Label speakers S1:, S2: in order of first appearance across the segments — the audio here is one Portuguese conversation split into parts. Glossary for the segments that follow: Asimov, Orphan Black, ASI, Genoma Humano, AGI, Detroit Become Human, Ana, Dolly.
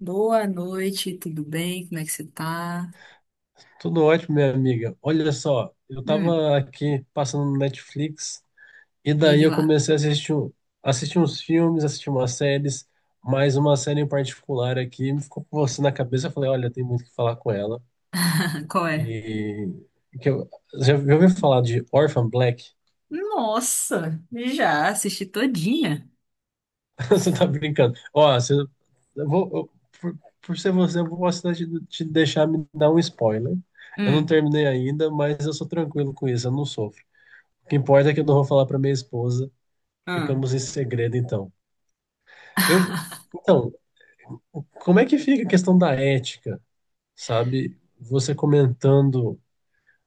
S1: Boa noite, tudo bem? Como é que você tá?
S2: Tudo ótimo, minha amiga. Olha só, eu
S1: Hum,
S2: tava aqui passando no Netflix e daí
S1: diga
S2: eu
S1: lá.
S2: comecei a assistir, assistir uns filmes, assistir umas séries, mas uma série em particular aqui me ficou com você na cabeça. Eu falei, olha, tem muito o que falar com ela.
S1: Qual é?
S2: E que eu, já ouviu falar de Orphan Black?
S1: Nossa, já assisti todinha.
S2: Você tá brincando. Ó, você, eu vou, eu- por ser você, eu vou assinar te deixar me dar um spoiler. Eu não
S1: Hum,
S2: terminei ainda, mas eu sou tranquilo com isso, eu não sofro. O que importa é que eu não vou falar para minha esposa.
S1: ah,
S2: Ficamos em segredo, então. Eu, então, como é que fica a questão da ética, sabe? Você comentando,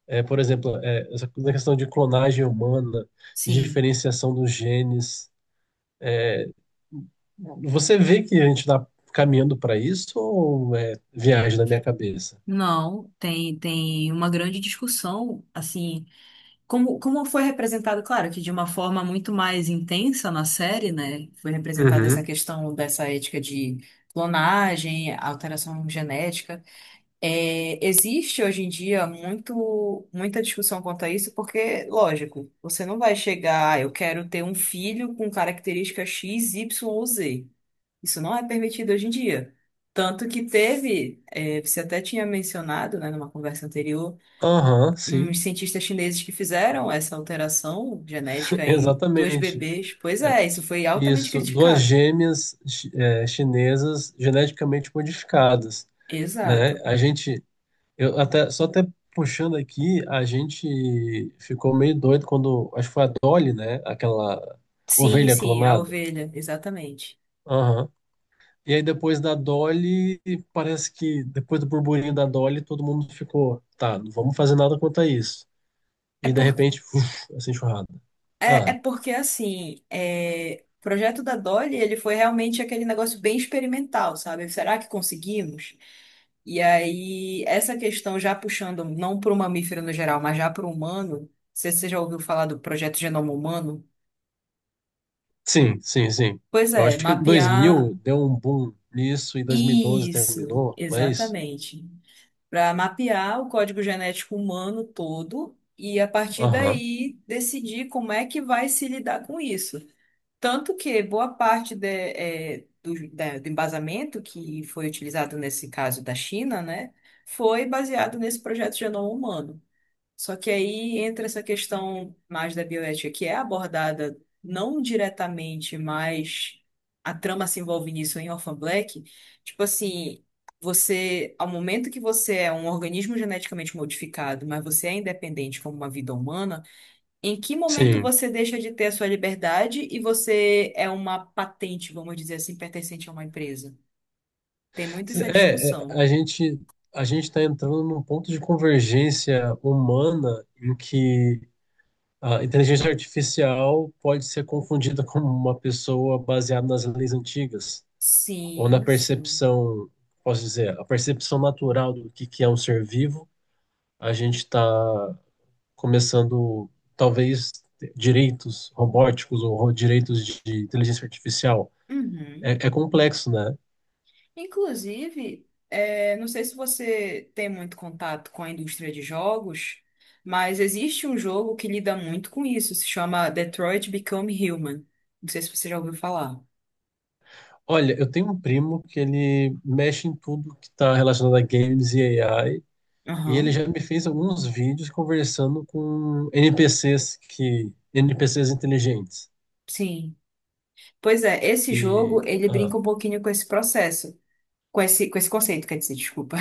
S2: por exemplo, essa coisa da questão de clonagem humana, de
S1: sim.
S2: diferenciação dos genes. Você vê que a gente está caminhando para isso ou é viagem na minha cabeça?
S1: Não, tem uma grande discussão, assim, como foi representado, claro, que de uma forma muito mais intensa na série, né? Foi representada essa
S2: Uhum.
S1: questão dessa ética de clonagem, alteração genética. É, existe hoje em dia muita discussão quanto a isso, porque, lógico, você não vai chegar, "Ah, eu quero ter um filho com característica X, Y ou Z." Isso não é permitido hoje em dia. Tanto que teve, é, você até tinha mencionado, né, numa conversa anterior,
S2: Aham, sim,
S1: uns cientistas chineses que fizeram essa alteração genética em dois
S2: exatamente.
S1: bebês. Pois
S2: É,
S1: é, isso foi altamente
S2: Isso, duas
S1: criticado.
S2: gêmeas chinesas geneticamente modificadas. Né?
S1: Exato.
S2: Eu até, só até puxando aqui, a gente ficou meio doido quando, acho que foi a Dolly, né? Aquela
S1: Sim,
S2: ovelha
S1: sim, a
S2: clonada.
S1: ovelha, exatamente.
S2: Aham. E aí depois da Dolly, parece que depois do burburinho da Dolly, todo mundo ficou, tá, não vamos fazer nada quanto a isso. E
S1: é
S2: de repente, uf, essa enxurrada.
S1: É,
S2: Ah,
S1: é porque assim, é, o projeto da Dolly, ele foi realmente aquele negócio bem experimental, sabe? Será que conseguimos? E aí, essa questão já puxando não para o mamífero no geral, mas já para o humano, se você já ouviu falar do projeto Genoma Humano?
S2: sim, sim, sim.
S1: Pois
S2: Eu
S1: é,
S2: acho que dois
S1: mapear
S2: mil deu um boom nisso e 2012
S1: isso,
S2: terminou, não é isso?
S1: exatamente. Para mapear o código genético humano todo e a partir
S2: Aham.
S1: daí decidir como é que vai se lidar com isso. Tanto que boa parte do embasamento que foi utilizado nesse caso da China, né, foi baseado nesse projeto de genoma humano. Só que aí entra essa questão mais da bioética, que é abordada não diretamente, mas a trama se envolve nisso em Orphan Black. Tipo assim, você, ao momento que você é um organismo geneticamente modificado, mas você é independente como uma vida humana, em que momento
S2: Sim,
S1: você deixa de ter a sua liberdade e você é uma patente, vamos dizer assim, pertencente a uma empresa? Tem muito essa
S2: É, é,
S1: discussão.
S2: a gente a gente está entrando num ponto de convergência humana em que a inteligência artificial pode ser confundida com uma pessoa baseada nas leis antigas ou na
S1: Sim, sim.
S2: percepção, posso dizer, a percepção natural do que é um ser vivo. A gente está começando talvez direitos robóticos ou direitos de inteligência artificial.
S1: Uhum.
S2: É, é complexo, né?
S1: Inclusive, é, não sei se você tem muito contato com a indústria de jogos, mas existe um jogo que lida muito com isso, se chama Detroit Become Human. Não sei se você já ouviu falar.
S2: Olha, eu tenho um primo que ele mexe em tudo que está relacionado a games e AI, e ele
S1: Aham,
S2: já me fez alguns vídeos conversando com NPCs que NPCs inteligentes.
S1: sim. Pois é, esse jogo,
S2: E
S1: ele brinca
S2: ah,
S1: um pouquinho com esse processo, com esse conceito, quer dizer, desculpa.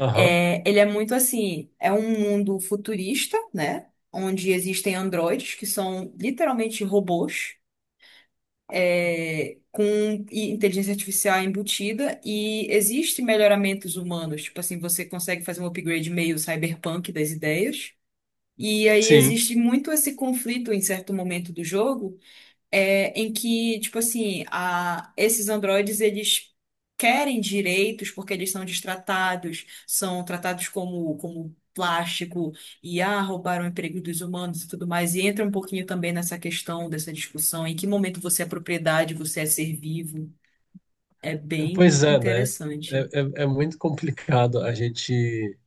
S2: aham,
S1: É, ele é muito assim, é um mundo futurista, né? Onde existem androides que são literalmente robôs, é, com i- inteligência artificial embutida, e existem melhoramentos humanos, tipo assim, você consegue fazer um upgrade meio cyberpunk das ideias. E aí
S2: sim,
S1: existe muito esse conflito em certo momento do jogo, é, em que, tipo assim, a, esses androides, eles querem direitos porque eles são destratados, são tratados como, como plástico, e ah, roubaram o emprego dos humanos e tudo mais, e entra um pouquinho também nessa questão, dessa discussão, em que momento você é propriedade, você é ser vivo, é bem
S2: pois é, né?
S1: interessante.
S2: É, é muito complicado a gente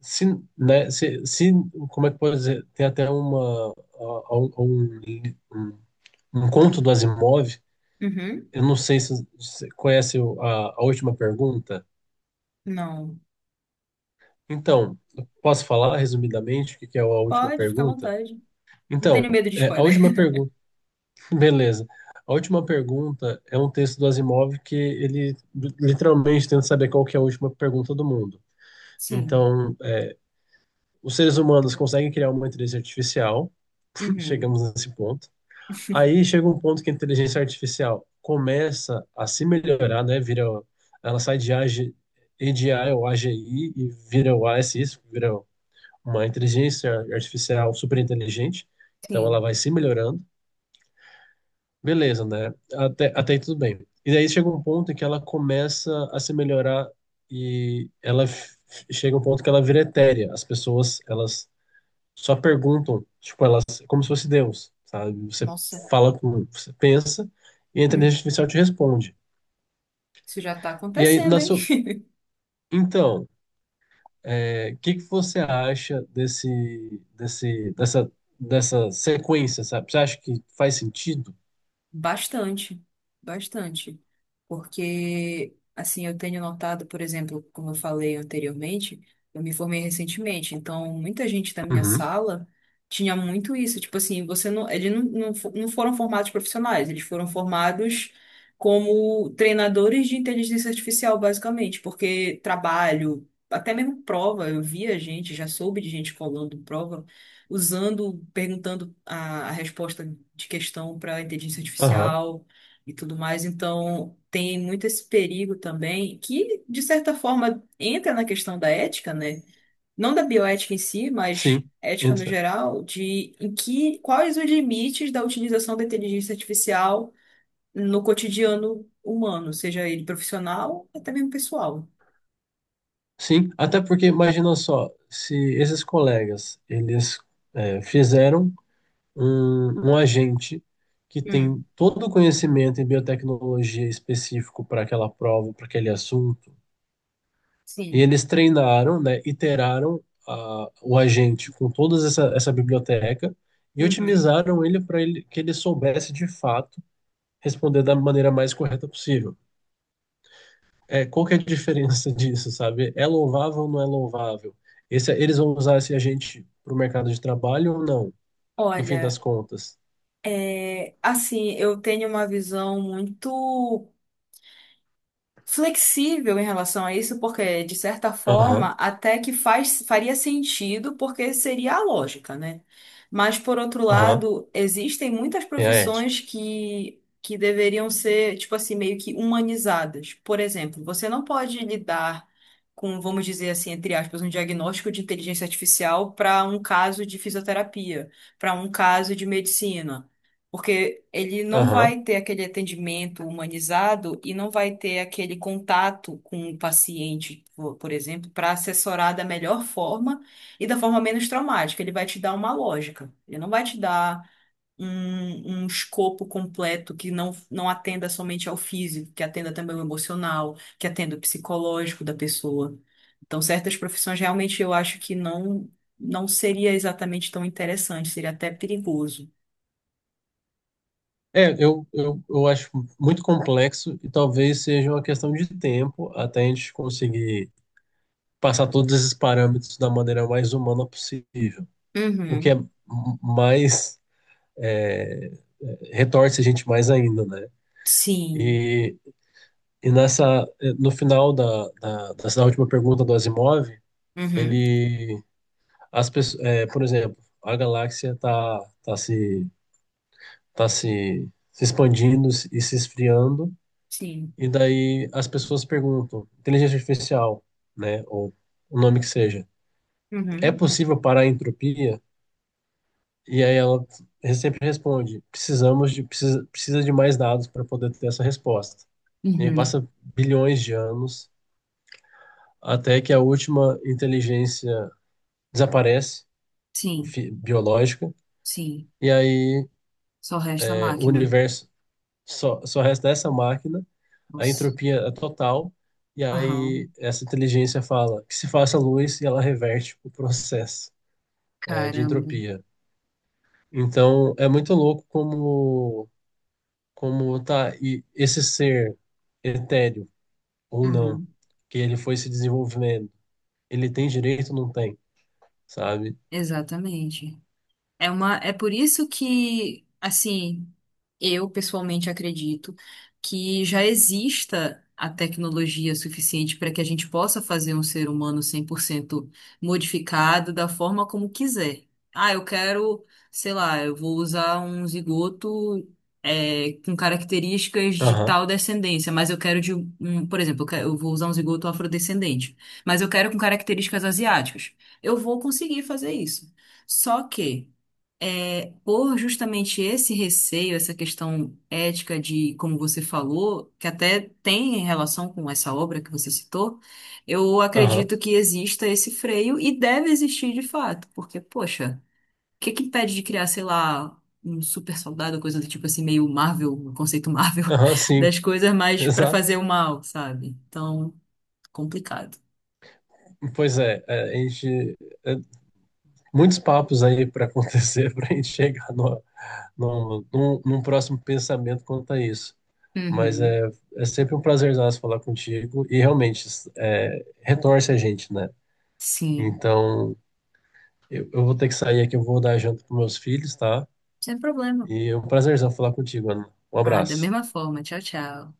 S2: se, né? Se como é que pode dizer? Tem até uma a- um, um, um um conto do Asimov.
S1: Uhum.
S2: Eu não sei se você conhece a última pergunta.
S1: Não.
S2: Então, posso falar resumidamente o que que é a última
S1: Pode, fica à
S2: pergunta?
S1: vontade. Não tenho
S2: Então,
S1: medo de
S2: a
S1: spoiler.
S2: última pergunta, beleza. A última pergunta é um texto do Asimov que ele literalmente tenta saber qual que é a última pergunta do mundo.
S1: Sim.
S2: Então, os seres humanos conseguem criar uma inteligência artificial,
S1: Uhum.
S2: chegamos nesse ponto. Aí chega um ponto que a inteligência artificial começa a se melhorar, né? Vira, ela sai de AG, I ou A G I e vira o A S I, vira uma inteligência artificial super inteligente, então ela
S1: Sim.
S2: vai se melhorando, beleza, né? Até, até aí tudo bem. E daí chega um ponto em que ela começa a se melhorar e chega um ponto que ela vira etérea. As pessoas, elas só perguntam, tipo, elas, como se fosse Deus, sabe? Você
S1: Nossa.
S2: fala com, você pensa e a inteligência
S1: Hum.
S2: artificial te responde.
S1: Isso já tá
S2: E aí,
S1: acontecendo,
S2: na
S1: hein?
S2: sua, então, O que que você acha dessa sequência, sabe? Você acha que faz sentido?
S1: Bastante, bastante. Porque, assim, eu tenho notado, por exemplo, como eu falei anteriormente, eu me formei recentemente, então muita gente da minha
S2: Uhum.
S1: sala tinha muito isso. Tipo assim, você não, eles não foram formados profissionais, eles foram formados como treinadores de inteligência artificial, basicamente, porque trabalho, até mesmo prova, eu via gente, já soube de gente colando prova usando, perguntando a resposta de questão para inteligência
S2: Aham,
S1: artificial e tudo mais. Então, tem muito esse perigo também, que, de certa forma, entra na questão da ética, né? Não da bioética em si, mas
S2: sim,
S1: ética no
S2: entra.
S1: geral, de em que, quais os limites da utilização da inteligência artificial no cotidiano humano, seja ele profissional, até mesmo pessoal.
S2: Sim, até porque imagina só, se esses colegas, eles fizeram um agente que
S1: Hum,
S2: tem todo o conhecimento em biotecnologia específico para aquela prova, para aquele assunto. E
S1: sim.
S2: eles treinaram, né, iteraram a, o agente com toda essa biblioteca e
S1: Uhum.
S2: otimizaram ele para ele, que ele soubesse de fato responder da maneira mais correta possível. É, qual que é a diferença disso, sabe? É louvável ou não é louvável? Esse, eles vão usar esse agente para o mercado de trabalho ou não, no fim das
S1: Olha,
S2: contas?
S1: Assim, eu tenho uma visão muito flexível em relação a isso, porque, de certa forma,
S2: Aham,
S1: até que faria sentido, porque seria a lógica, né? Mas, por outro
S2: aham,
S1: lado, existem muitas
S2: é a ética.
S1: profissões que deveriam ser, tipo assim, meio que humanizadas. Por exemplo, você não pode lidar com, vamos dizer assim, entre aspas, um diagnóstico de inteligência artificial para um caso de fisioterapia, para um caso de medicina. Porque ele não
S2: Aham.
S1: vai ter aquele atendimento humanizado e não vai ter aquele contato com o paciente, por exemplo, para assessorar da melhor forma e da forma menos traumática. Ele vai te dar uma lógica, ele não vai te dar um escopo completo que não atenda somente ao físico, que atenda também o emocional, que atenda o psicológico da pessoa. Então, certas profissões realmente eu acho que não, não seria exatamente tão interessante, seria até perigoso.
S2: Eu acho muito complexo e talvez seja uma questão de tempo até a gente conseguir passar todos esses parâmetros da maneira mais humana possível. O que é
S1: Uhum.
S2: mais é, retorce a gente mais ainda, né?
S1: Sim.
S2: E, e nessa, no final dessa última pergunta do Asimov,
S1: Uhum.
S2: ele, as pessoas, por exemplo, a galáxia está tá se, se expandindo e se esfriando,
S1: Sim.
S2: e daí as pessoas perguntam, inteligência artificial, né, ou o nome que seja, é
S1: Uhum.
S2: possível parar a entropia? E aí ela sempre responde: precisa de mais dados para poder ter essa resposta. E aí
S1: Uhum.
S2: passa bilhões de anos até que a última inteligência desaparece,
S1: Sim.
S2: biológica,
S1: Sim.
S2: e aí
S1: Só resta a
S2: o
S1: máquina.
S2: universo só resta essa máquina, a
S1: Nossa.
S2: entropia é total, e aí
S1: Aham.
S2: essa inteligência fala que se faça luz e ela reverte o processo de
S1: Caramba.
S2: entropia. Então é muito louco como tá e esse ser etéreo ou não,
S1: Uhum.
S2: que ele foi se desenvolvendo, ele tem direito ou não tem, sabe?
S1: Exatamente. É por isso que, assim, eu pessoalmente acredito que já exista a tecnologia suficiente para que a gente possa fazer um ser humano 100% modificado da forma como quiser. Ah, eu quero, sei lá, eu vou usar um zigoto, é, com características de
S2: Aham,
S1: tal descendência, mas eu quero de um, por exemplo, eu vou usar um zigoto afrodescendente, mas eu quero com características asiáticas. Eu vou conseguir fazer isso. Só que é, por justamente esse receio, essa questão ética de, como você falou, que até tem em relação com essa obra que você citou, eu
S2: aham,
S1: acredito que exista esse freio e deve existir de fato, porque, poxa, o que que impede de criar, sei lá, um super soldado, coisa do tipo assim, meio Marvel, o conceito Marvel
S2: aham, sim,
S1: das coisas, mas para
S2: exato.
S1: fazer o mal, sabe? Então, complicado.
S2: Pois é, é, muitos papos aí para acontecer para a gente chegar no, no, num, num próximo pensamento quanto a isso. Mas
S1: Uhum.
S2: é sempre um prazerzaço falar contigo e realmente retorce a gente, né?
S1: Sim,
S2: Então, eu vou ter que sair aqui, eu vou dar janta para meus filhos, tá?
S1: sem problema.
S2: E é um prazerzão falar contigo, Ana. Um
S1: Ah, da
S2: abraço.
S1: mesma forma. Tchau, tchau.